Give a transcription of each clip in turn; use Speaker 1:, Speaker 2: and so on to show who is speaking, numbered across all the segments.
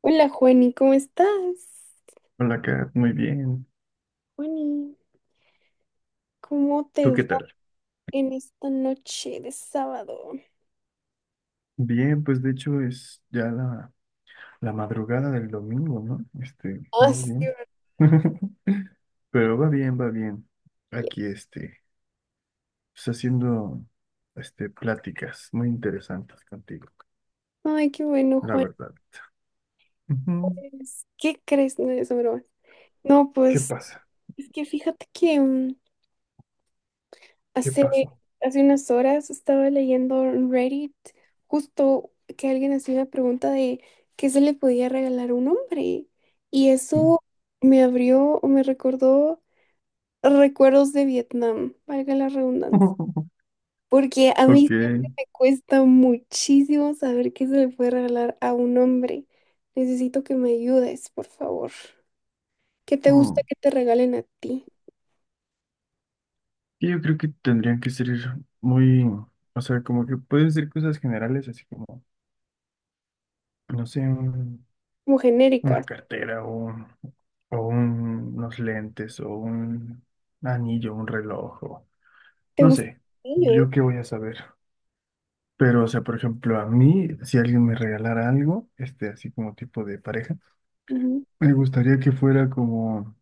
Speaker 1: Hola Juani, ¿cómo estás?
Speaker 2: Hola, Kat, muy bien.
Speaker 1: Juani, ¿cómo te
Speaker 2: ¿Tú
Speaker 1: va
Speaker 2: qué tal?
Speaker 1: en esta noche de sábado?
Speaker 2: Bien, pues de hecho es ya la madrugada del domingo, ¿no? Este,
Speaker 1: Ah,
Speaker 2: más
Speaker 1: sí,
Speaker 2: bien.
Speaker 1: verdad.
Speaker 2: Pero va bien, va bien. Aquí, este, pues haciendo, este, pláticas muy interesantes contigo,
Speaker 1: Ay, qué bueno,
Speaker 2: la
Speaker 1: Juan.
Speaker 2: verdad. Ujú.
Speaker 1: Pues, ¿qué crees? No es broma. No,
Speaker 2: ¿Qué
Speaker 1: pues,
Speaker 2: pasa?
Speaker 1: es que fíjate que
Speaker 2: ¿Qué
Speaker 1: hace,
Speaker 2: pasó?
Speaker 1: hace unas horas estaba leyendo en Reddit justo que alguien hacía una pregunta de qué se le podía regalar a un hombre. Y eso me abrió o me recordó recuerdos de Vietnam, valga la redundancia. Porque a mí
Speaker 2: Ok.
Speaker 1: siempre me cuesta muchísimo saber qué se le puede regalar a un hombre. Necesito que me ayudes, por favor. ¿Qué te gusta
Speaker 2: Mm.
Speaker 1: que te regalen a ti?
Speaker 2: Yo creo que tendrían que ser muy, o sea, como que pueden ser cosas generales, así como, no sé,
Speaker 1: Como genéricas.
Speaker 2: una cartera o, o unos lentes o un anillo, un reloj o
Speaker 1: ¿Te
Speaker 2: no
Speaker 1: gusta
Speaker 2: sé,
Speaker 1: el niño?
Speaker 2: yo qué voy a saber. Pero, o sea, por ejemplo, a mí, si alguien me regalara algo, este, así como tipo de pareja,
Speaker 1: Ujú.
Speaker 2: me gustaría que fuera como,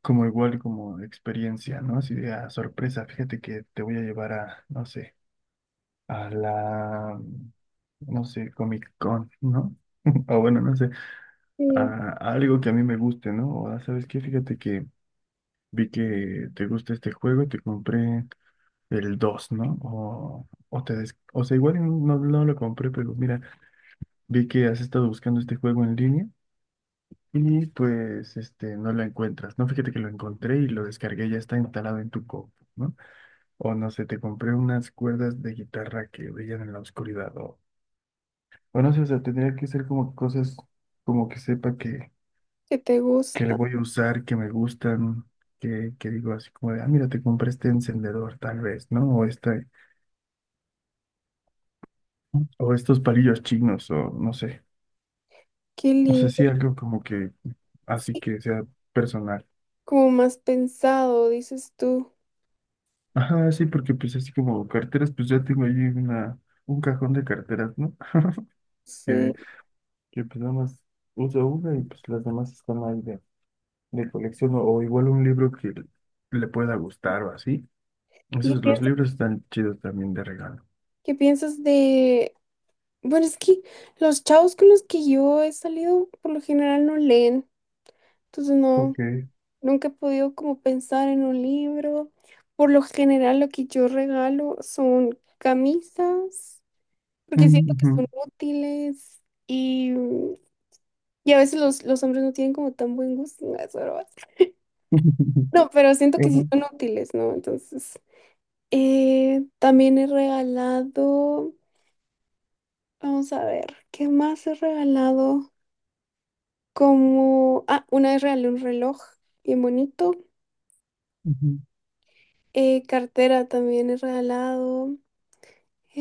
Speaker 2: como igual, como experiencia, ¿no? Así de, ah, sorpresa, fíjate que te voy a llevar a, no sé, a la, no sé, Comic Con, ¿no? O bueno, no sé,
Speaker 1: Sí,
Speaker 2: a algo que a mí me guste, ¿no? O, ah, ¿sabes qué? Fíjate que vi que te gusta este juego y te compré el 2, ¿no? O te o sea, igual no, no lo compré, pero mira, vi que has estado buscando este juego en línea y pues este no lo encuentras. No, fíjate que lo encontré y lo descargué, ya está instalado en tu compu, ¿no? O no sé, te compré unas cuerdas de guitarra que brillan en la oscuridad o no sé, o sea, tendría que ser como cosas como que sepa que
Speaker 1: ¿qué te
Speaker 2: que le
Speaker 1: gusta?
Speaker 2: voy a usar, que me gustan, que digo así como de, ah, mira, te compré este encendedor tal vez, ¿no? O este, o estos palillos chinos, o no sé,
Speaker 1: Qué
Speaker 2: no sé
Speaker 1: lindo.
Speaker 2: si algo como que así
Speaker 1: Sí,
Speaker 2: que sea personal.
Speaker 1: como más pensado, dices tú.
Speaker 2: Ajá, sí, porque pues así como carteras, pues ya tengo ahí una, un cajón de carteras, ¿no? Que,
Speaker 1: Sí.
Speaker 2: que pues nada más uso una y pues las demás están ahí de colección, o igual un libro que le pueda gustar o así.
Speaker 1: ¿Y
Speaker 2: Esos, los libros están chidos también de regalo.
Speaker 1: qué piensas de...? Bueno, es que los chavos con los que yo he salido por lo general no leen. Entonces no.
Speaker 2: Ok.
Speaker 1: Nunca he podido como pensar en un libro. Por lo general, lo que yo regalo son camisas, porque siento que
Speaker 2: Ujú.
Speaker 1: son útiles y a veces los hombres no tienen como tan buen gusto. No, es broma.
Speaker 2: ajá
Speaker 1: No, pero siento que sí son útiles, ¿no? Entonces, también he regalado, vamos a ver, ¿qué más he regalado? Como, ah, una vez regalé un reloj bien bonito.
Speaker 2: ujú.
Speaker 1: Cartera también he regalado.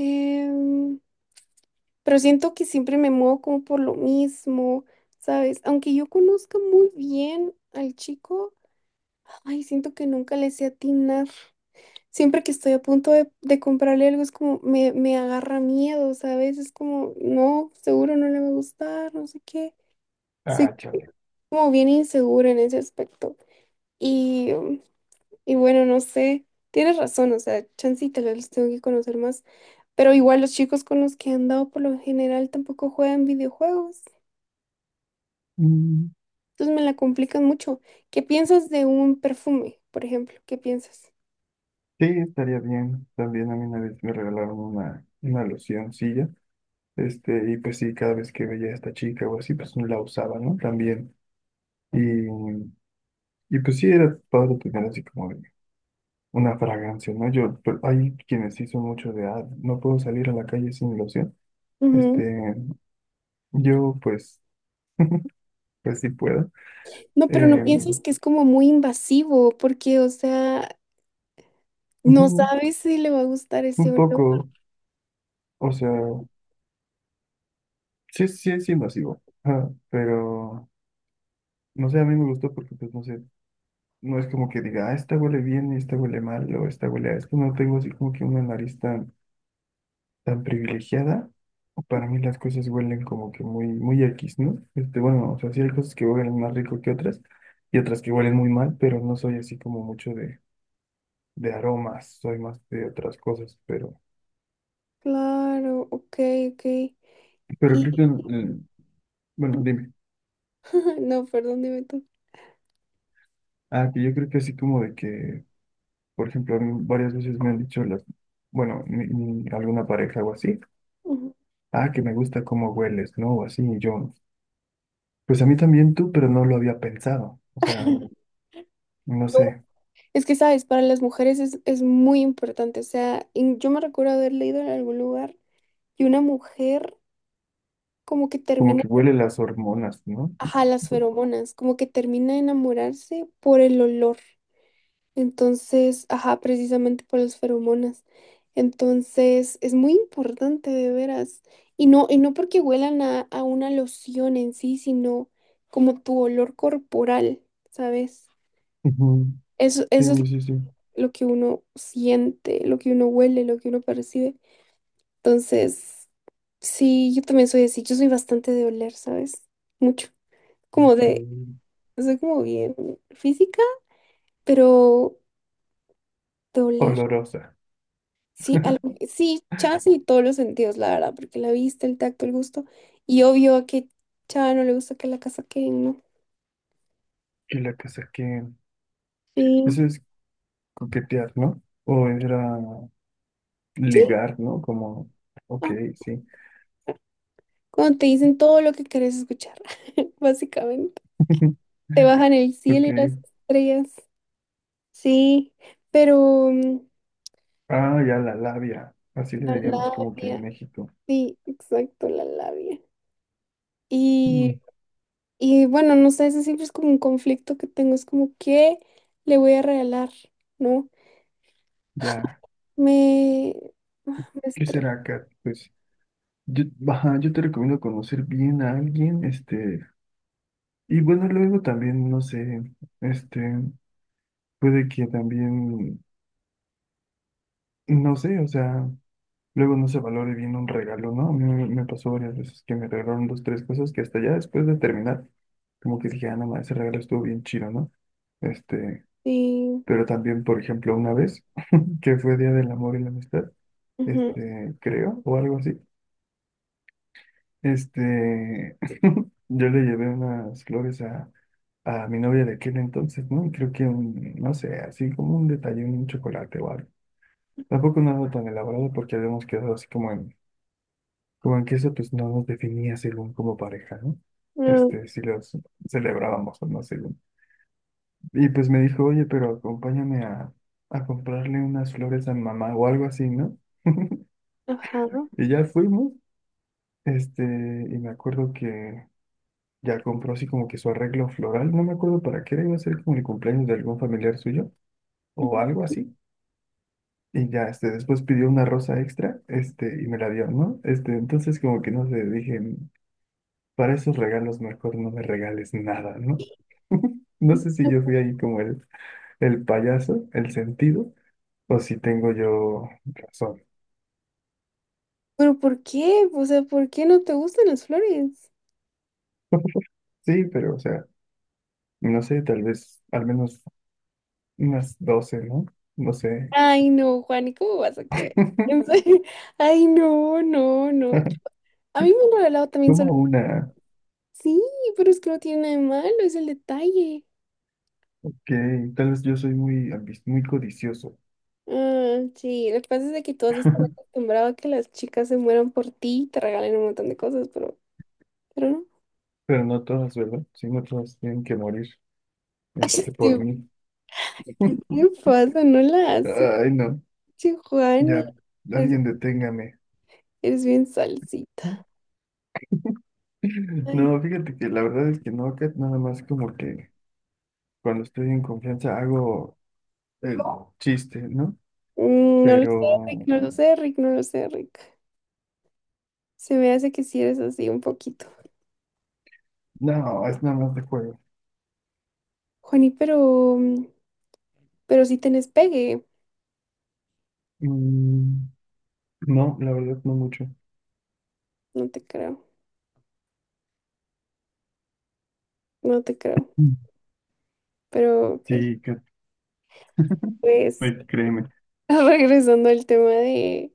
Speaker 1: Em, pero siento que siempre me muevo como por lo mismo, ¿sabes? Aunque yo conozca muy bien al chico, ay, siento que nunca le sé atinar. Siempre que estoy a punto de comprarle algo, es como me agarra miedo, ¿sabes? Es como, no, seguro no le va a gustar, no sé qué. Soy
Speaker 2: Ah, chale.
Speaker 1: como bien insegura en ese aspecto. Y, um, y bueno, no sé, tienes razón, o sea, chance y tal vez los tengo que conocer más. Pero igual los chicos con los que he andado por lo general tampoco juegan videojuegos.
Speaker 2: Mm,
Speaker 1: Entonces me la complican mucho. ¿Qué piensas de un perfume, por ejemplo? ¿Qué piensas?
Speaker 2: sí, estaría bien. También a mí una vez me regalaron una locioncilla. Este, y pues sí, cada vez que veía a esta chica o así, pues no la usaba, ¿no? También. Y, y pues sí, era padre tener así como de una fragancia, ¿no? Yo, pero hay quienes sí son mucho de, ah, no puedo salir a la calle sin loción.
Speaker 1: Ujú.
Speaker 2: Este, yo pues, pues sí puedo.
Speaker 1: No, pero no
Speaker 2: Eh,
Speaker 1: piensas que es como muy invasivo, porque, o sea, no
Speaker 2: ujú,
Speaker 1: sabes si le va a gustar ese
Speaker 2: un
Speaker 1: olor.
Speaker 2: poco, o sea. Sí, sí, es invasivo, ajá, pero no sé, a mí me gustó porque, pues, no sé, no es como que diga, ah, esta huele bien y esta huele mal o esta huele a esto. No tengo así como que una nariz tan, tan privilegiada. Para mí las cosas huelen como que muy, muy X, ¿no? Este, bueno, o sea, sí hay cosas que huelen más rico que otras y otras que huelen muy mal, pero no soy así como mucho de aromas, soy más de otras cosas,
Speaker 1: Claro, ok, ok.
Speaker 2: pero
Speaker 1: Y
Speaker 2: creo que, bueno, dime,
Speaker 1: no, perdón, dime tú.
Speaker 2: ah, que yo creo que así como de que por ejemplo, a mí varias veces me han dicho las, bueno, alguna pareja o así,
Speaker 1: Ujú.
Speaker 2: ah, que me gusta cómo hueles, ¿no? O así, y yo, pues a mí también tú, pero no lo había pensado. O sea, no
Speaker 1: yo,
Speaker 2: sé,
Speaker 1: Es que, sabes, para las mujeres es muy importante. O sea, yo me recuerdo haber leído en algún lugar y una mujer como que
Speaker 2: como
Speaker 1: termina.
Speaker 2: que huele las hormonas, ¿no?
Speaker 1: Ajá, las feromonas, como que termina de enamorarse por el olor. Entonces, ajá, precisamente por las feromonas. Entonces, es muy importante de veras. Y no porque huelan a una loción en sí, sino como tu olor corporal, ¿sabes?
Speaker 2: Ujú,
Speaker 1: Eso,
Speaker 2: sí,
Speaker 1: eso es
Speaker 2: sí, sí.
Speaker 1: lo que uno siente, lo que uno huele, lo que uno percibe. Entonces, sí, yo también soy así. Yo soy bastante de oler, ¿sabes? Mucho. Como de,
Speaker 2: Mm.
Speaker 1: soy como bien física. Pero doler,
Speaker 2: Olorosa.
Speaker 1: sí, algo, sí, chance y todos los sentidos, la verdad, porque la vista, el tacto, el gusto. Y obvio a que Chava no le gusta que la casa queden, ¿no?
Speaker 2: Y la que saqué.
Speaker 1: Sí.
Speaker 2: Eso es coquetear, ¿no? O era
Speaker 1: Sí,
Speaker 2: ligar, ¿no? Como, ok,
Speaker 1: ah,
Speaker 2: sí.
Speaker 1: cuando te dicen todo lo que querés escuchar, básicamente. Te bajan el cielo
Speaker 2: Ok.
Speaker 1: y las estrellas. Sí, pero
Speaker 2: Ah, ya la labia. Así le
Speaker 1: la
Speaker 2: diríamos como que en
Speaker 1: labia,
Speaker 2: México.
Speaker 1: sí, exacto, la labia.
Speaker 2: Mm,
Speaker 1: Y, y bueno, no sé, ese siempre es como un conflicto que tengo, es como, ¿qué le voy a regalar? ¿No?
Speaker 2: ya,
Speaker 1: Me, me
Speaker 2: ¿qué
Speaker 1: estre-
Speaker 2: será, Kat? Pues yo, ajá, yo te recomiendo conocer bien a alguien, este, y bueno, luego también, no sé, este, puede que también, no sé, o sea, luego no se valore bien un regalo, ¿no? A mí me, me pasó varias veces que me regalaron dos, tres cosas que hasta ya después de terminar, como que dije, ah, no, ma, ese regalo estuvo bien chido, ¿no? Este,
Speaker 1: sí,
Speaker 2: pero también, por ejemplo, una vez, que fue Día del Amor y la Amistad,
Speaker 1: ujú,
Speaker 2: este, creo, o algo así. Este, yo le llevé unas flores a mi novia de aquel entonces, ¿no? Y creo que un, no sé, así como un detalle, un chocolate o algo. Tampoco nada tan elaborado porque habíamos quedado así como en, como en que eso pues no nos definía según como pareja, ¿no?
Speaker 1: no,
Speaker 2: Este, si los celebrábamos o no según. Y pues me dijo, oye, pero acompáñame a comprarle unas flores a mi mamá o algo así, ¿no?
Speaker 1: ajá,
Speaker 2: Y ya fuimos, este, y me acuerdo que ya compró así como que su arreglo floral, no me acuerdo para qué era, iba a ser como el cumpleaños de algún familiar suyo o algo
Speaker 1: ujú.
Speaker 2: así. Y ya, este, después pidió una rosa extra, este, y me la dio, ¿no? Este, entonces como que no sé, dije, para esos regalos mejor no me regales nada, ¿no? No sé si yo fui ahí como el payaso, el sentido, o si tengo yo razón.
Speaker 1: Pero ¿por qué? O sea, ¿por qué no te gustan las flores?
Speaker 2: Sí, pero o sea, no sé, tal vez al menos unas 12, ¿no? No sé.
Speaker 1: Ay, no, Juan, ¿y cómo vas a creer? En serio, ay, no, no, no. A mí me han regalado también
Speaker 2: Como
Speaker 1: solo.
Speaker 2: una.
Speaker 1: Sí, pero es que no tiene nada de malo, es el detalle.
Speaker 2: Que tal vez yo soy muy, muy codicioso,
Speaker 1: Ah, sí, lo que pasa es de que todos están acostumbrados a que las chicas se mueran por ti y te regalen un montón de cosas, pero no.
Speaker 2: pero no todas, ¿verdad? Sí, no todas tienen que morir, este, por mí.
Speaker 1: ¿Qué te pasa? No la haces.
Speaker 2: Ay, no,
Speaker 1: Giovanni,
Speaker 2: ya,
Speaker 1: es,
Speaker 2: alguien deténgame.
Speaker 1: eres bien salsita. Ay.
Speaker 2: No, fíjate que la verdad es que no, Kat, nada más como que cuando estoy en confianza hago el chiste, ¿no?
Speaker 1: Mm, no lo sé, Rick,
Speaker 2: Pero
Speaker 1: no lo sé, Rick, no lo sé, Rick. Se me hace que sí eres así un poquito.
Speaker 2: no, es nada más de juego.
Speaker 1: Juani, pero, pero si tenés pegue,
Speaker 2: Mm, no, la verdad no mucho.
Speaker 1: no te creo, no te creo.
Speaker 2: Mm.
Speaker 1: Pero ok,
Speaker 2: Sí, Kat,
Speaker 1: pues
Speaker 2: créeme.
Speaker 1: regresando al tema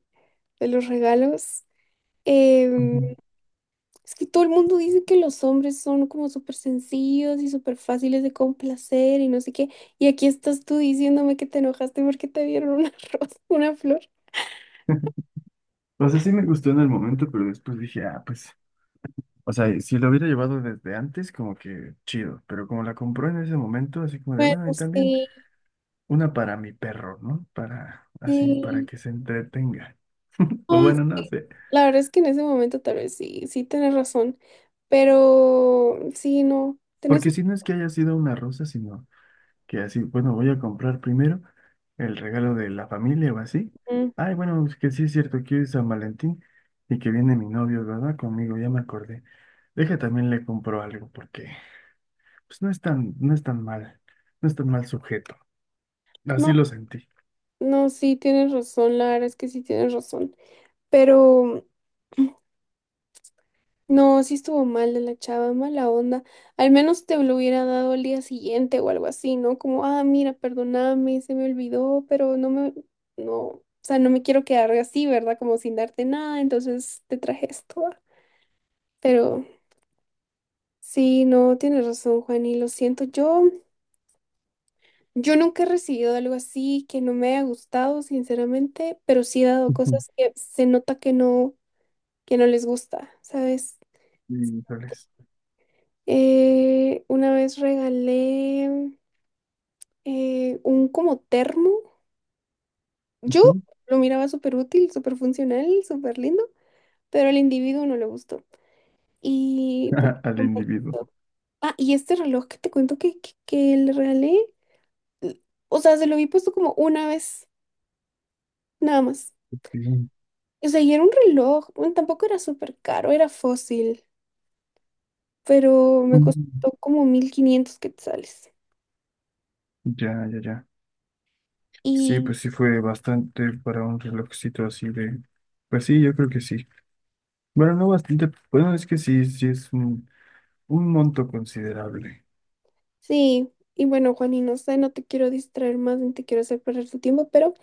Speaker 1: de los regalos. em,
Speaker 2: Ujú.
Speaker 1: Es que todo el mundo dice que los hombres son como súper sencillos y súper fáciles de complacer y no sé qué. Y aquí estás tú diciéndome que te enojaste porque te dieron una rosa, una flor.
Speaker 2: O sea, sí me gustó en el momento, pero después dije, ah, pues o sea, si lo hubiera llevado desde antes, como que chido, pero como la compró en ese momento, así como de,
Speaker 1: Bueno,
Speaker 2: bueno, y también
Speaker 1: sí,
Speaker 2: una para mi perro, ¿no? Para, así, para
Speaker 1: sí.
Speaker 2: que se entretenga. O
Speaker 1: No,
Speaker 2: bueno, no sé.
Speaker 1: la verdad es que en ese momento tal vez sí, sí tienes razón. Pero sí, no, tienes
Speaker 2: Porque
Speaker 1: un...
Speaker 2: si no es que haya sido una rosa, sino que así, bueno, voy a comprar primero el regalo de la familia o así.
Speaker 1: mm,
Speaker 2: Ay, bueno, pues que sí es cierto que hoy es San Valentín y que viene mi novio, ¿verdad? Conmigo, ya me acordé. Deja también le compro algo, porque pues no es tan, no es tan mal, no es tan mal sujeto.
Speaker 1: no,
Speaker 2: Así lo sentí.
Speaker 1: no, sí tienes razón, la verdad es que sí tienes razón. Pero no, sí estuvo mal de la chava, mala onda. Al menos te lo hubiera dado al día siguiente o algo así, ¿no? Como, ah, mira, perdóname, se me olvidó, pero no, o sea, no me quiero quedar así, ¿verdad? Como sin darte nada, entonces te traje esto. ¿Va? Pero sí, no, tienes razón, Juan, y lo siento. Yo nunca he recibido algo así que no me haya gustado, sinceramente, pero sí he dado
Speaker 2: Ujú.
Speaker 1: cosas que se nota que no les gusta, ¿sabes?
Speaker 2: Híjoles.
Speaker 1: Una vez regalé. Un como termo. Yo
Speaker 2: Ujú.
Speaker 1: lo miraba súper útil, súper funcional, súper lindo, pero al individuo no le gustó. Y porque
Speaker 2: Al
Speaker 1: como-
Speaker 2: individuo.
Speaker 1: Ah, y este reloj que te cuento que le regalé, l- o sea, se lo vi puesto como una vez, nada más.
Speaker 2: Bien.
Speaker 1: O sea, y era un reloj, bueno, tampoco era súper caro, era fósil, pero me
Speaker 2: Mm.
Speaker 1: costó como 1500 quetzales.
Speaker 2: Ya, ya, ya. Sí,
Speaker 1: Y
Speaker 2: pues sí fue bastante para un relojcito así de... Pues sí, yo creo que sí. Bueno, no bastante. Bueno, es que sí, sí es un monto considerable.
Speaker 1: sí, y bueno, Juani, no sé, no te quiero distraer más ni te quiero hacer perder tu tiempo, pero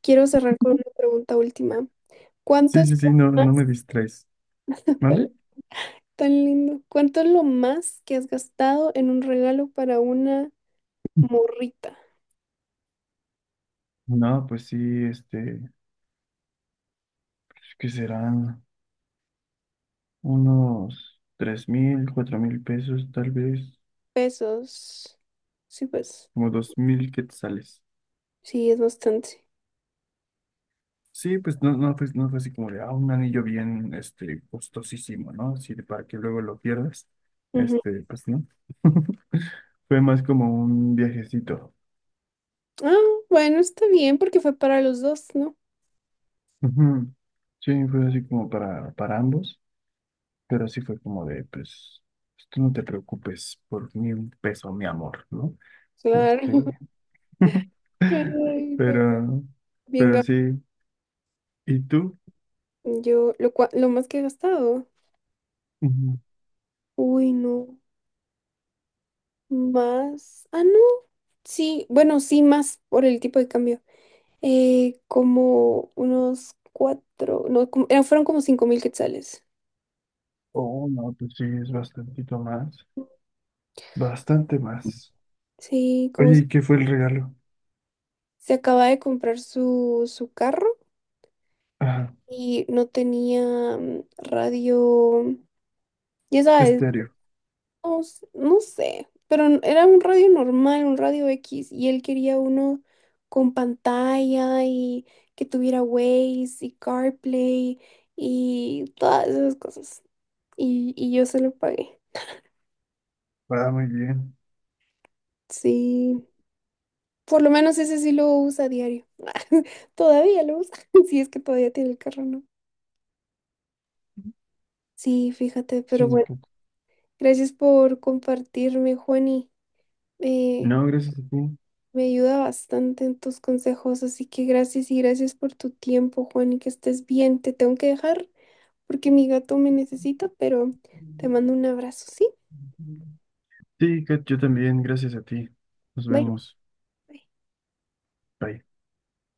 Speaker 1: quiero cerrar con una pregunta última. ¿Cuánto
Speaker 2: Sí,
Speaker 1: es
Speaker 2: sí,
Speaker 1: lo
Speaker 2: sí, no,
Speaker 1: más,
Speaker 2: no me distraes.
Speaker 1: dale,
Speaker 2: ¿Mande?
Speaker 1: tan lindo? ¿Cuánto es lo más que has gastado en un regalo para una morrita?
Speaker 2: No, pues sí, este, que serán unos 3000, 4000 pesos, tal vez,
Speaker 1: Pesos. Sí, pues.
Speaker 2: como 2000 quetzales.
Speaker 1: Sí, es bastante.
Speaker 2: Sí, pues no, no, fue, no fue así como de, ah, un anillo bien, este, costosísimo, ¿no? Así de para que luego lo pierdas.
Speaker 1: Ujú.
Speaker 2: Este, pues no. Fue más como un viajecito.
Speaker 1: Ah, bueno, está bien porque fue para los dos, ¿no?
Speaker 2: Ujú. Sí, fue así como para ambos, pero sí fue como de, pues, pues, tú no te preocupes por ni un peso, mi amor, ¿no?
Speaker 1: Claro.
Speaker 2: Este,
Speaker 1: Ay, no.
Speaker 2: pero,
Speaker 1: Bien, ga-
Speaker 2: pero sí, ¿y tú?
Speaker 1: yo lo, lo más que he gastado.
Speaker 2: Ujú.
Speaker 1: Uy, no. Más. Ah, no. Sí, bueno, sí, más por el tipo de cambio. Como unos cuatro, no, fueron como 5000 quetzales.
Speaker 2: Oh, no, pues sí, es bastantito más, bastante más.
Speaker 1: Sí,
Speaker 2: Oye, ¿y qué fue el regalo?
Speaker 1: se acaba de comprar su carro
Speaker 2: Ajá,
Speaker 1: y no tenía radio, ya sabes,
Speaker 2: estéreo.
Speaker 1: no, no sé, pero era un radio normal, un radio X, y él quería uno con pantalla y que tuviera Waze y CarPlay y todas esas cosas. Y yo se lo pagué.
Speaker 2: Va muy bien.
Speaker 1: Sí. Por lo menos ese sí lo usa a diario. Todavía lo usa. Si es que todavía tiene el carro, ¿no? Sí, fíjate, pero
Speaker 2: Sí,
Speaker 1: bueno,
Speaker 2: Kat.
Speaker 1: gracias por compartirme, Juani. Eh,
Speaker 2: No, gracias a ti.
Speaker 1: me ayuda bastante en tus consejos, así que gracias y gracias por tu tiempo, Juani, que estés bien. Te tengo que dejar porque mi gato me necesita, pero te mando un abrazo, ¿sí?
Speaker 2: Sí, Kat, yo también, gracias a ti. Nos
Speaker 1: Bye.
Speaker 2: vemos.
Speaker 1: Bye.
Speaker 2: Bye.